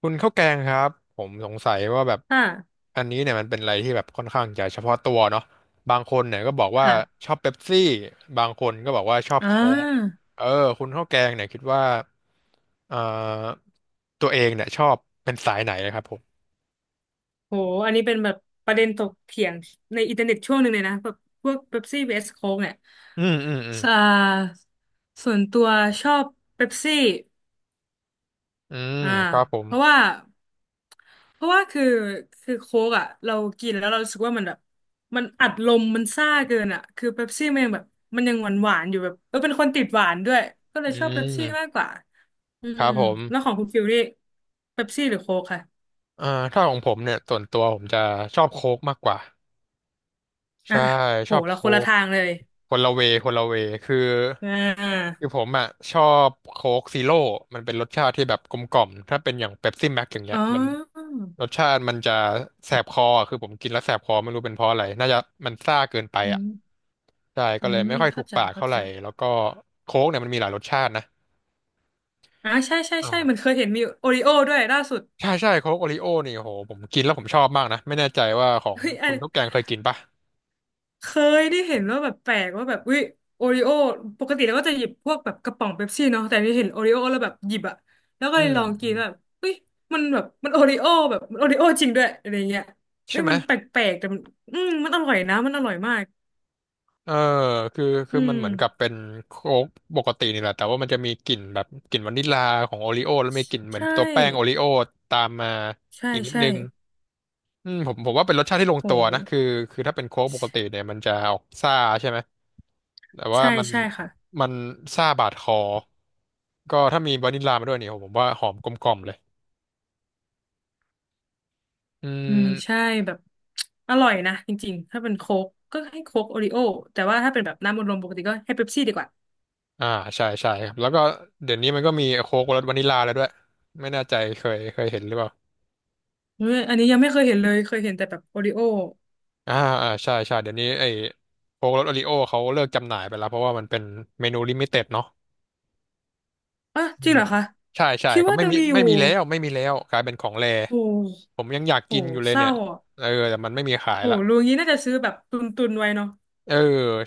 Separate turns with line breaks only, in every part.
คุณข้าวแกงครับผมสงสัยว่าแบบ
ค่ะ
อันนี้เนี่ยมันเป็นอะไรที่แบบค่อนข้างจะเฉพาะตัวเนาะบางคนเนี่ยก็บอกว่า
ค่ะ
ชอบเป๊ปซี่บางคนก็บอกว่าชอบ
อ่า
โค้กเออคุณข้าวแกงเนี่ยคิดว่าเอ่อตัวเองเนี่ยชอบเป็นสายไหนนะครับผม
โหอันนี้เป็นแบบประเด็นถกเถียงในอินเทอร์เน็ตช่วงหนึ่งเลยนะแบบพวกเป๊ปซี่ vs โค้กเนี่ย
อืม
อ่าส่วนตัวชอบเป๊ปซี่
อืม
อ่า
ครับผม
เพราะว่า เพราะว่าคือโค้กอ่ะเรากินแล้วเรารู้สึกว่ามันแบบมันอัดลมมันซ่าเกินอ่ะคือเป๊ปซี่มันยังแบบมันยังหวานหวานอยู่แบบเป็นคนติดหวานด้วยก็เล
อื
ยชอบเป๊ปซี่มาก
ม
กว่าอื
ค
ม
รับผ
แล้วขอ
ม
งคุณฟิลนี่เป๊ปซี่หรือโค้กค่ะ
อ่าถ้าของผมเนี่ยส่วนตัวผมจะชอบโค้กมากกว่า
อ่ะ
ใช่ช
โห
อบโค
เราคนละ
ก
ทางเลย
คนละเวคือ
อ่า
คือผมอ่ะชอบโค้กซีโร่มันเป็นรสชาติที่แบบกลมกล่อมถ้าเป็นอย่างเป๊ปซี่แม็กอย่างเงี้
อ๋
ย
อ
มันรสชาติมันจะแสบคออะคือผมกินแล้วแสบคอไม่รู้เป็นเพราะอะไรน่าจะมันซ่าเกินไป
อื
อ่ะ
ม
ใช่ก็
อื
เลย
ม
ไม่ค่อยถู
เข้า
ก
ใจ
ปาก
เข้า
เท่าไห
ใจ
ร่แล้วก็โค้กเนี่ยมันมีหลายรสชาตินะ
ใช่ใช่ใช่มัน
อ่า
เคยเห็นมีโอริโอด้วยล่าสุด
ใช่ใช่โค้กโอริโอนี่โหผมกินแล้วผมชอบมากนะไม่แน่ใจว่าของ
เฮ้ยอั
คุณ
น
ข้าวแกงเคยกินปะ
เคยได้เห็นว่าแบบแปลกว่าแบบวิโอริโอปกติเราก็จะหยิบพวกแบบกระป๋องเป๊ปซี่เนาะแต่นี่เห็นโอริโอแล้วแบบหยิบอะแล้วก็
อื
เลย
ม
ลอง
อื
กิน
ม
แล้วแบบเฮ้ยมันแบบมันโอริโอแบบมันโอริโอจริงด้วยอะไรเงี้ยเฮ้
ใช่
ย
ไหม
มันแปลกๆแต่มันอืมมันอร่อยนะมันอร่อยมาก
เออคือคื
อื
อมัน
ม
เหมือนกับเป็นโค้กปกตินี่แหละแต่ว่ามันจะมีกลิ่นแบบกลิ่นวานิลลาของโอริโอแล้วมีกลิ่นเหมือน
ใช่
ตัวแป้งโอริโอตามมา
ใช่
อีกนิด
ใช่
นึงอืมผมว่าเป็นรสชาติที่ลงตัวนะ
โห
คือถ้าเป็นโค้กปกติเนี่ยมันจะออกซ่าใช่ไหมแต่ว่า
ใช่
มัน
ใช่ค่ะ
มันซ่าบาดคอก็ถ้ามีวานิลลามาด้วยเนี่ยผมว่าหอมกลมกล่อมเลยอื
อืมใช่
ม
แบบ อร่อยนะจริงๆถ้าเป็นโค้กก็ให้โค้กโอริโอแต่ว่าถ้าเป็นแบบน้ำอัดลมปกติก็ให้เป๊ปซี่ดีกว่า
อ่าใช่ใช่ครับแล้วก็เดี๋ยวนี้มันก็มีโค้กรสวานิลลาแล้วด้วยไม่แน่ใจเคยเห็นหรือเปล่า
อันนี้ยังไม่เคยเห็นเลยเคยเห็นแต่แบบโอริโอ
อ่าอ่าใช่ใช่เดี๋ยวนี้ไอ้โค้กรสโอริโอเขาเลิกจำหน่ายไปแล้วเพราะว่ามันเป็นเมนูลิมิเต็ดเนาะ
อ่ะ
อื
จริง
ม
เหรอคะ
ใช่ใช่
คิด
ก็
ว่า
ไม่
ยัง
มี
มีอยู่
ไม่มีแล้วไม่มีแล้วกลายเป็นของแร
โอ
ผ
้
มยังอยาก
โห
กินอยู่เลย
เศ
เนี่
ร้า
ย
อ่ะ
เออแต่มันไม่มีขาย
โห
ละ
รู้งี้น่าจะซื้อแบบตุนตุนไว้เนาะ
เออ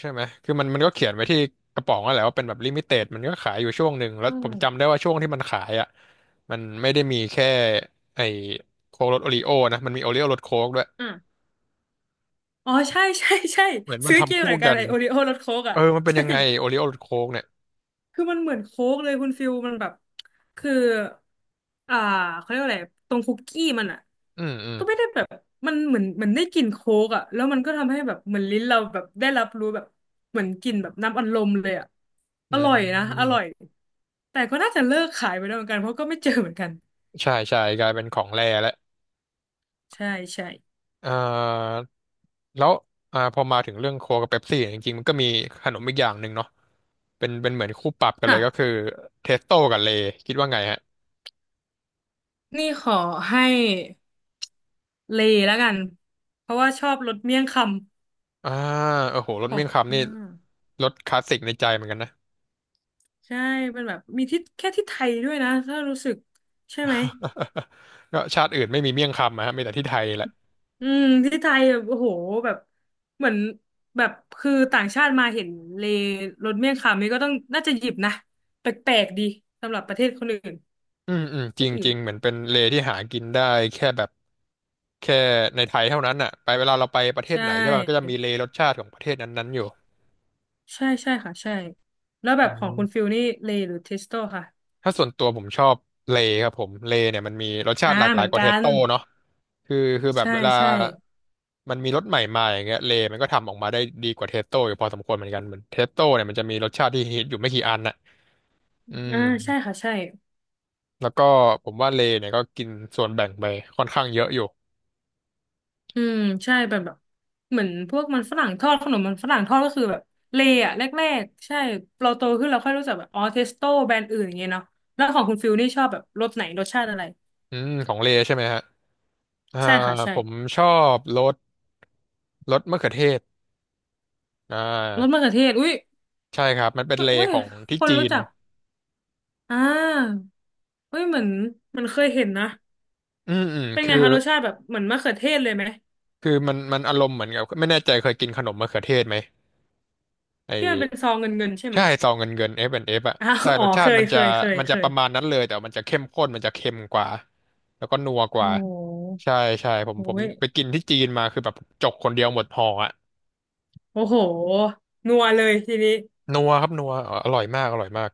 ใช่ไหมคือมันก็เขียนไว้ที่กระป๋องนั่นแหละว่าเป็นแบบลิมิเต็ดมันก็ขายอยู่ช่วงหนึ่งแล้ว
อือ
ผมจำได้ว่าช่วงที่มันขายอ่ะมันไม่ได้มีแค่ไอ้โค้กรสโอริโอนะมันมีโอริโอรสโค้กด้วย
อ่ะอ๋อใช่ใช่ใช่
เหมือนมัน
ซื้อกิ
ทำ
น
คู่
เหมือนกั
กั
น
น
ไอโอริโอรสโค้ก
เอ
อ่ะ
อมันเป็น
ใช่
ยังไงโอริโอรสโค้กเนี่ย
คือมันเหมือนโค้กเลยคุณฟิลมันแบบคืออ่าเขาเรียกว่าอะไรตรงคุกกี้มันอ่ะ
อืม
ก็ไม่ได้แบบมันเหมือนได้กลิ่นโค้กอ่ะแล้วมันก็ทำให้แบบเหมือนลิ้นเราแบบได้รับรู้แบบเหมือนกลิ่นแบบน้ำอัดลมเลยอ่ะ
อื
อร่อยนะอ
ม
ร่อยแต่ก็น่าจะเลิกขายไปแล้วเหมือนกันเพราะก็ไม่เจอเหมือนกัน
ใช่ใช่กลายเป็นของแร่แล้ว
ใช่ใช่
เอ่าแล้วอ่าพอมาถึงเรื่องโค้กกับเป๊ปซี่ยจริงๆมันก็มีขนมอีกอย่างหนึ่งเนาะเป็นเหมือนคู่ปรับกันเลยก็คือ
ค่ะ
เทสโต้กับเลยคิดว่าไงฮะ
นี่ขอให้เลแล้วกันเพราะว่าชอบรสเมี่ยงค
อ่าโอ้โหร
ำ
ส
ขอ
เมี่ย
ง
ง
ห
คำนี่
น้า
รสคลาสสิกในใจเหมือนกันนะ
ใช่มันแบบมีที่แค่ที่ไทยด้วยนะถ้ารู้สึกใช่ไหม
ก็ชาติอื่นไม่มีเมี่ยงคำนะฮะมีแต่ที่ไทยแหละ
อืมที่ไทยแบบโอ้โหแบบเหมือนแบบคือต่างชาติมาเห็นเลรถเมี่ยงคำนี่ก็ต้องน่าจะหยิบนะแปลกๆดีสำหรับประเทศคนอื่น
อืมอืม
ประเท
จ
ศ
ริง
อื่
จ
น
ริงเหมือนเป็นเลที่หากินได้แค่แบบแค่ในไทยเท่านั้นอ่ะไปเวลาเราไปประเท
ใช
ศไหนใช่ป่ะมันก็จะ
่
มีเลรสชาติของประเทศนั้นๆอยู่
ใช่ใช่ค่ะใช่แล้วแบ
อื
บของคุณฟิ
ม
ลนี่เลหรือเทสโตค่ะ
ถ้าส่วนตัวผมชอบเลครับผมเลเนี่ยมันมีรสชาติหลากห
เห
ลา
มื
ย
อน
กว่า
กั
เทส
น
โต้เนาะคือคือแบบ
ใช่
เวลา
ใช่
มันมีรสใหม่มาอย่างเงี้ยเลมันก็ทำออกมาได้ดีกว่าเทสโต้อยู่พอสมควรเหมือนกันเหมือนเทสโต้เนี่ยมันจะมีรสชาติที่ฮิตอยู่ไม่กี่อันน่ะอืม
อ่าใช่ค่ะใช่
แล้วก็ผมว่าเลเนี่ยก็กินส่วนแบ่งไปค่อนข้างเยอะอยู่
อืมใช่แบบแบบเหมือนพวกมันฝรั่งทอดขนมมันฝรั่งทอดก็คือแบบเลอะแรกๆใช่เราโตขึ้นเราค่อยรู้จักแบบอ๋อเทสโต้แบรนด์อื่นอย่างเงี้ยเนาะแล้วของคุณฟิลนี่ชอบแบบรสไหนรสชาติอะไร
อืมของเลใช่ไหมฮะอ่า
ใช่ค่ะใช่
ผมชอบรสมะเขือเทศอ่
รสมะ
า
เขือเทศอุ้ย
ใช่ครับมันเป็นเล
อุ้ย
ของที่
คน
จี
รู้
น
จักอ่าอุ้ยเหมือนเหมันเคยเห็นนะ
อืม
เป็น
คื
ไง
อ
คะรสชาติแบบเหมือนมะเขือเทศเลยไหม
คือมันอารมณ์เหมือนกับไม่แน่ใจเคยกินขนมมะเขือเทศไหมไอ
ที่มันเป็น
้
ซองเงินๆใช่ไหม
ใช่ซองเงินเงิน F and F อนด์เอฟอ่ะ
อ้าว
ใช่
อ๋
ร
อ
สชา
เค
ติ
ย
มัน
เค
จะ
ยเคย
มัน
เค
จะป
ย
ระมาณนั้นเลยแต่มันจะเข้มข้นมันจะเค็มกว่าแล้วก็นัวก
โอ้
ว่า
โ
ใช่
ห
ใช่ผม
โอ้
ผม
ย
ไปกินที่จีนมาคือแบบจกคนเดียวหมดห่ออ่ะ
โอ้โหนัวเลยทีนี้
นัวครับนัวอร่อยมากอร่อยมาก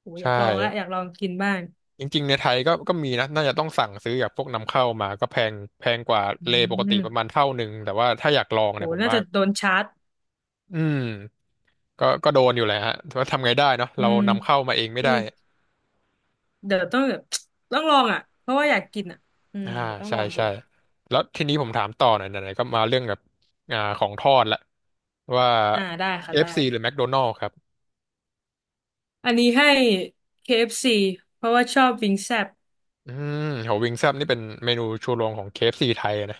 โหอ
ใช่
ยากลองละอยากลองกินบ้าง
จริงๆในไทยก็มีนะน่าจะต้องสั่งซื้อจากพวกนำเข้ามาก็แพงแพงกว่า
อื
เลปกติ
ม
ประมาณเท่าหนึ่งแต่ว่าถ้าอยากลอง
โห
เนี่ยผม
น่า
ว่า
จะโดนชาร์จ
อืม ก็โดนอยู่แหละฮะแต่ว่าทำไงได้เนาะ
อื
เรา
ม
นำเข้ามาเองไม่
อื
ได้
มเดี๋ยวต้องแบบต้องลองอ่ะเพราะว่าอยากกินอ่ะอืม
อ่า
เดี๋ยวต้อง
ใช่
ลองดู
ใช่แล้วทีนี้ผมถามต่อหน่อยไหนๆก็มาเรื่องแบบอ่าของทอดละว่า
ได้
เค
ค่ะ
เอฟ
ได้
f c หรือ McDonald's ครับ
อันนี้ให้ KFC เอฟซีเพราะว่าชอบวิงแซบ
อืมโหวิงแซ่บนี่เป็นเมนูชูโรงของ KFC ไทยอะนะ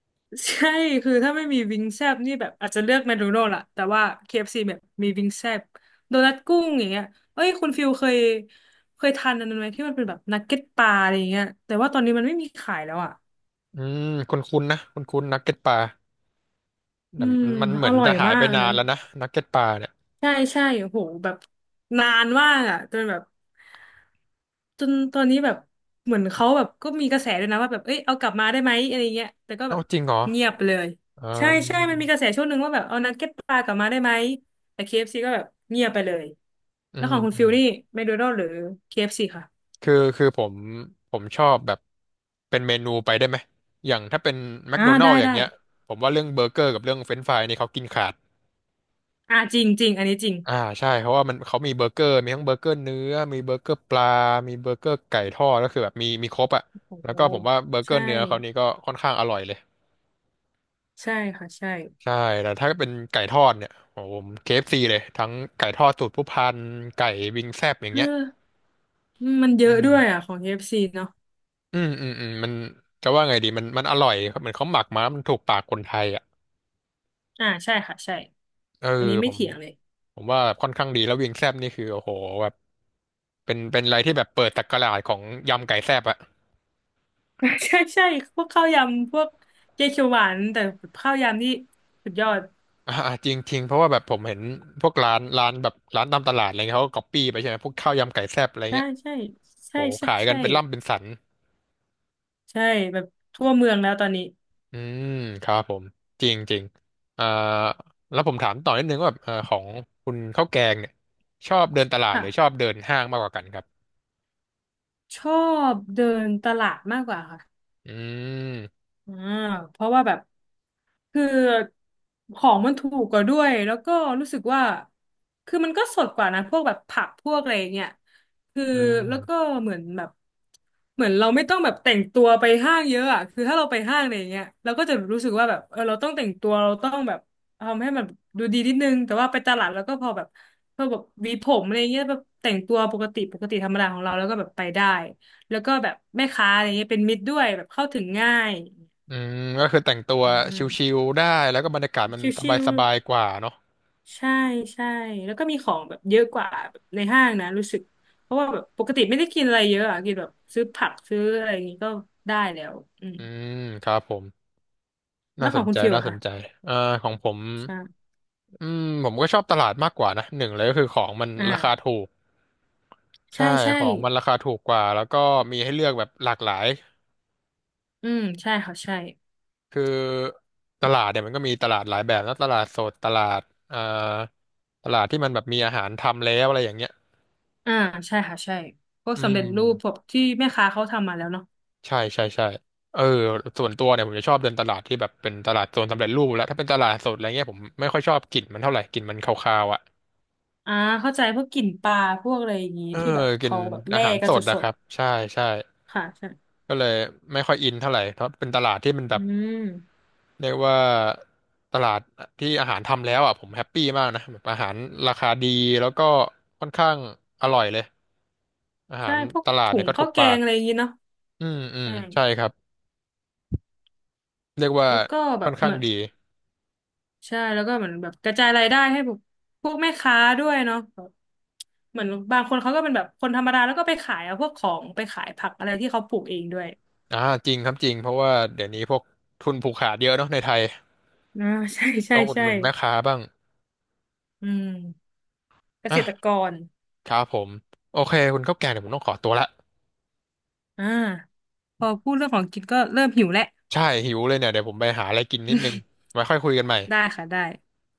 ใช่คือถ้าไม่มีวิงแซบนี่แบบอาจจะเลือกแมคโดนัลด์ละแต่ว่า KFC แบบมีวิงแซบโดนัทกุ้งอย่างเงี้ยเอ้ยคุณฟิลเคยทานอันนั้นไหมที่มันเป็นแบบนักเก็ตปลาอะไรอย่างเงี้ยแต่ว่าตอนนี้มันไม่มีขายแล้วอ่ะ
อืมคุ้นๆนะคุ้นๆนักเก็ตปลา
อื
แต่
ม
มันเห
อ
มือน
ร่อ
จะ
ย
หาย
มา
ไป
กอัน
นาน
นั้น
แล้วนะนักเก็ตปลาเนี่ย
ใช่ใช่โหแบบนานมากอ่ะจนแบบจนตอนนี้แบบเหมือนเขาแบบก็มีกระแสด้วยนะว่าแบบเอ้ยเอากลับมาได้ไหมอะไรเงี้ยแต่ก็แบ
เอ้า
บ
จริงเหรอ
เงียบไปเลย
อ่า
ใช่ใช่มันมีกระแสช่วงหนึ่งว่าแบบเอานักเก็ตปลากลับมาได้ไหมแต่ KFC ก็แบบเงียบไปเลย
อื
แล้ว
ม
ของคุณ
อื
ฟิล
ม
นี่แมคโดนัลด์หรือ KFC คเอฟซีค่ะ
คือผมชอบแบบเป็นเมนูไปได้ไหมอย่างถ้าเป็นแมคโดนัล
ได้
s อย่าง
ได้
เงี้ยผมว่าเรื่องเบอร์เกอร์กับเรื่องเฟรนช์ฟรายนี่เขากินขาด
จริงจริงอันนี้จริง
อ่าใช่เพราะว่ามันเขามีเบอร์เกอร์มีทั้งเบอร์เกอร์เนื้อมีเบอร์เกอร์ปลา มีเบอร์เกอร์ไก่ทอดก็คือแบบมีครบอ่ะ
โอ้
แล้
โห
วก็ผมว่าเบอร์เกอ
ใช่
ร์เนื้อเขานี่ก็ค่อนข้างอร่อยเลย
ใช่ค่ะใช่
ใช่แต่ถ้าเป็นไก่ทอดเนี่ยโอ้โหผม KFC เอฟซีเลยทั้งไก่ทอดสูตรผู้พันไก่วิงแซบอย่าง
เออ
เงี้ย
มันเย
อื
อะด้
ม
วยอ่ะของ KFC เอฟซีเนาะ
อืมอืมอืมจะว่าไงดีมันอร่อยเหมือนเขาหมักมามันถูกปากคนไทยอ่ะ
ใช่ค่ะใช่
เออ
อันนี้ไม่
ผม
เถียงเลย
ผมว่าค่อนข้างดีแล้ววิงแซบนี่คือโอ้โหแบบเป็นอะไรที่แบบเปิดตกราชของยำไก่แซบอะ
ใช่ใช่พวกข้าวยำพวกเกยวเขียวหวานแต่ข้าวยำนี่สุดยอด
อ่าจริงจริงเพราะว่าแบบผมเห็นพวกร้านแบบร้านตามตลาดอะไรเงี้ยเขาก็ก๊อปปี้ไปใช่ไหมพวกข้าวยำไก่แซบอะไร
ใช่
เงี้ย
ใช่ใช่
โอ้โห
ใช่
ขายกัน
ใช่
เป็นล่ำเป็นสัน
ใช่แบบทั่วเมืองแล้วตอนนี้
อืมครับผมจริงจริงอ่าแล้วผมถามต่อนิดนึงว่าแบบของคุณข้าวแกงเนี่ยชอบเดินตลาดห
ค่ะ
รือชอบเดินห้างมากกว่ากันครับ
ชอบเดินตลาดมากกว่าค่ะ
อืม
อ่าเพราะว่าแบบคือของมันถูกกว่าด้วยแล้วก็รู้สึกว่าคือมันก็สดกว่านะพวกแบบผักพวกอะไรอย่างเงี้ยคือ
อื
แล้วก็
ม
เหมือนแบบเหมือนเราไม่ต้องแบบแต่งตัวไปห้างเยอะอ่ะคือถ้าเราไปห้างอะไรอย่างเงี้ยเราก็จะรู้สึกว่าแบบเราต้องแต่งตัวเราต้องแบบทำให้มันดูดีนิดนึงแต่ว่าไปตลาดแล้วก็พอแบบหวีผมอะไรเงี้ยแบบแต่งตัวปกติธรรมดาของเราแล้วก็แบบไปได้แล้วก็แบบแม่ค้าอะไรเงี้ยเป็นมิตรด้วยแบบเข้าถึงง่าย
อืมก็คือแต่งตัว
อื
ชิ
ม
ลๆได้แล้วก็บรรยากาศมัน
ชิว
สบายๆกว่าเนาะ
ๆ ใช่ใช่แล้วก็มีของแบบเยอะกว่าแบบในห้างนะรู้สึกเพราะว่าแบบปกติไม่ได้กินอะไรเยอะอะกินแบบซื้อผักซื้ออะไรอย่างงี้ก็ได้แล้วอืม
อืมครับผม
แล้
น่า
ว
ส
ของ
น
คุณ
ใจ
ฟิล
น่า
อะ
สนใจ
ค่ะ
อ่าของผม
ใช่
อืมผมก็ชอบตลาดมากกว่านะหนึ่งเลยก็คือของมันราคา
อ่า
ถูก
ใช่
ใช่
ใช่
ของมันราคาถูกกว่าแล้วก็มีให้เลือกแบบหลากหลาย
อืมใช่ค่ะใช่
คือตลาดเนี่ยมันก็มีตลาดหลายแบบนะตลาดสดตลาดเอ่อตลาดที่มันแบบมีอาหารทำแล้วอะไรอย่างเงี้ย
อ่าใช่ค่ะใช่พวก
อื
สำเร็
ม
จรูปพวกที่แม่ค้าเขาทำมาแล้วเนาะ
ใช่ใช่ใช่เออส่วนตัวเนี่ยผมจะชอบเดินตลาดที่แบบเป็นตลาดโซนสำเร็จรูปแล้วถ้าเป็นตลาดสดอะไรเงี้ยผมไม่ค่อยชอบกลิ่นมันเท่าไหร่กลิ่นมันคาวๆอ่ะ
อ่าเข้าใจพวกกลิ่นปลาพวกอะไรอย่างงี้
เออ
ที่แบบ
กิน
เขาแบบ
อา
แล่
หาร
กั
ส
น
ด
ส
นะค
ด
รับใช่ใช่
ๆค่ะใช่
ก็เลยไม่ค่อยอินเท่าไหร่เพราะเป็นตลาดที่มันแบ
อื
บ
ม
เรียกว่าตลาดที่อาหารทำแล้วอ่ะผมแฮปปี้มากนะแบบอาหารราคาดีแล้วก็ค่อนข้างอร่อยเลยอาหา
ใช่
ร
พวก
ตลาด
ถุ
เนี่ย
ง
ก็ถู
ข้า
ก
วแก
ปา
ง
ก
อะไรอย่างงี้เนาะ
อืมอืม
ใช่
ใช่ครับเรียกว่า
แล้วก็แบ
ค่อ
บ
น
เห
ข้าง
มือน
ดี
ใช่แล้วก็เหมือนแบบกระจายรายได้ให้พวกแม่ค้าด้วยเนาะแบบเหมือนบางคนเขาก็เป็นแบบคนธรรมดาแล้วก็ไปขายเอาพวกของไปขายผักอะไรที่เขาปลูกเองด้วย
อ่าจริงครับจริงเพราะว่าเดี๋ยวนี้พวกทุนผูกขาดเยอะเนาะในไทย
อ่า ใช่ใช่
ต้องอุด
ใช่
หนุนแม่ค้าบ้าง
อืมเกษตร
อ่ะ
กร
ครับผมโอเคคุณข้าวแกงเดี๋ยวผมต้องขอตัวละ
อ่าพอพูดเรื่องของกินก็เริ่มหิวแล้ว
ใช่หิวเลยเนี่ยเดี๋ยวผมไปหาอะไรกินนิดนึงไว้ค่อยคุยกันใหม่
ได้ค่ะได้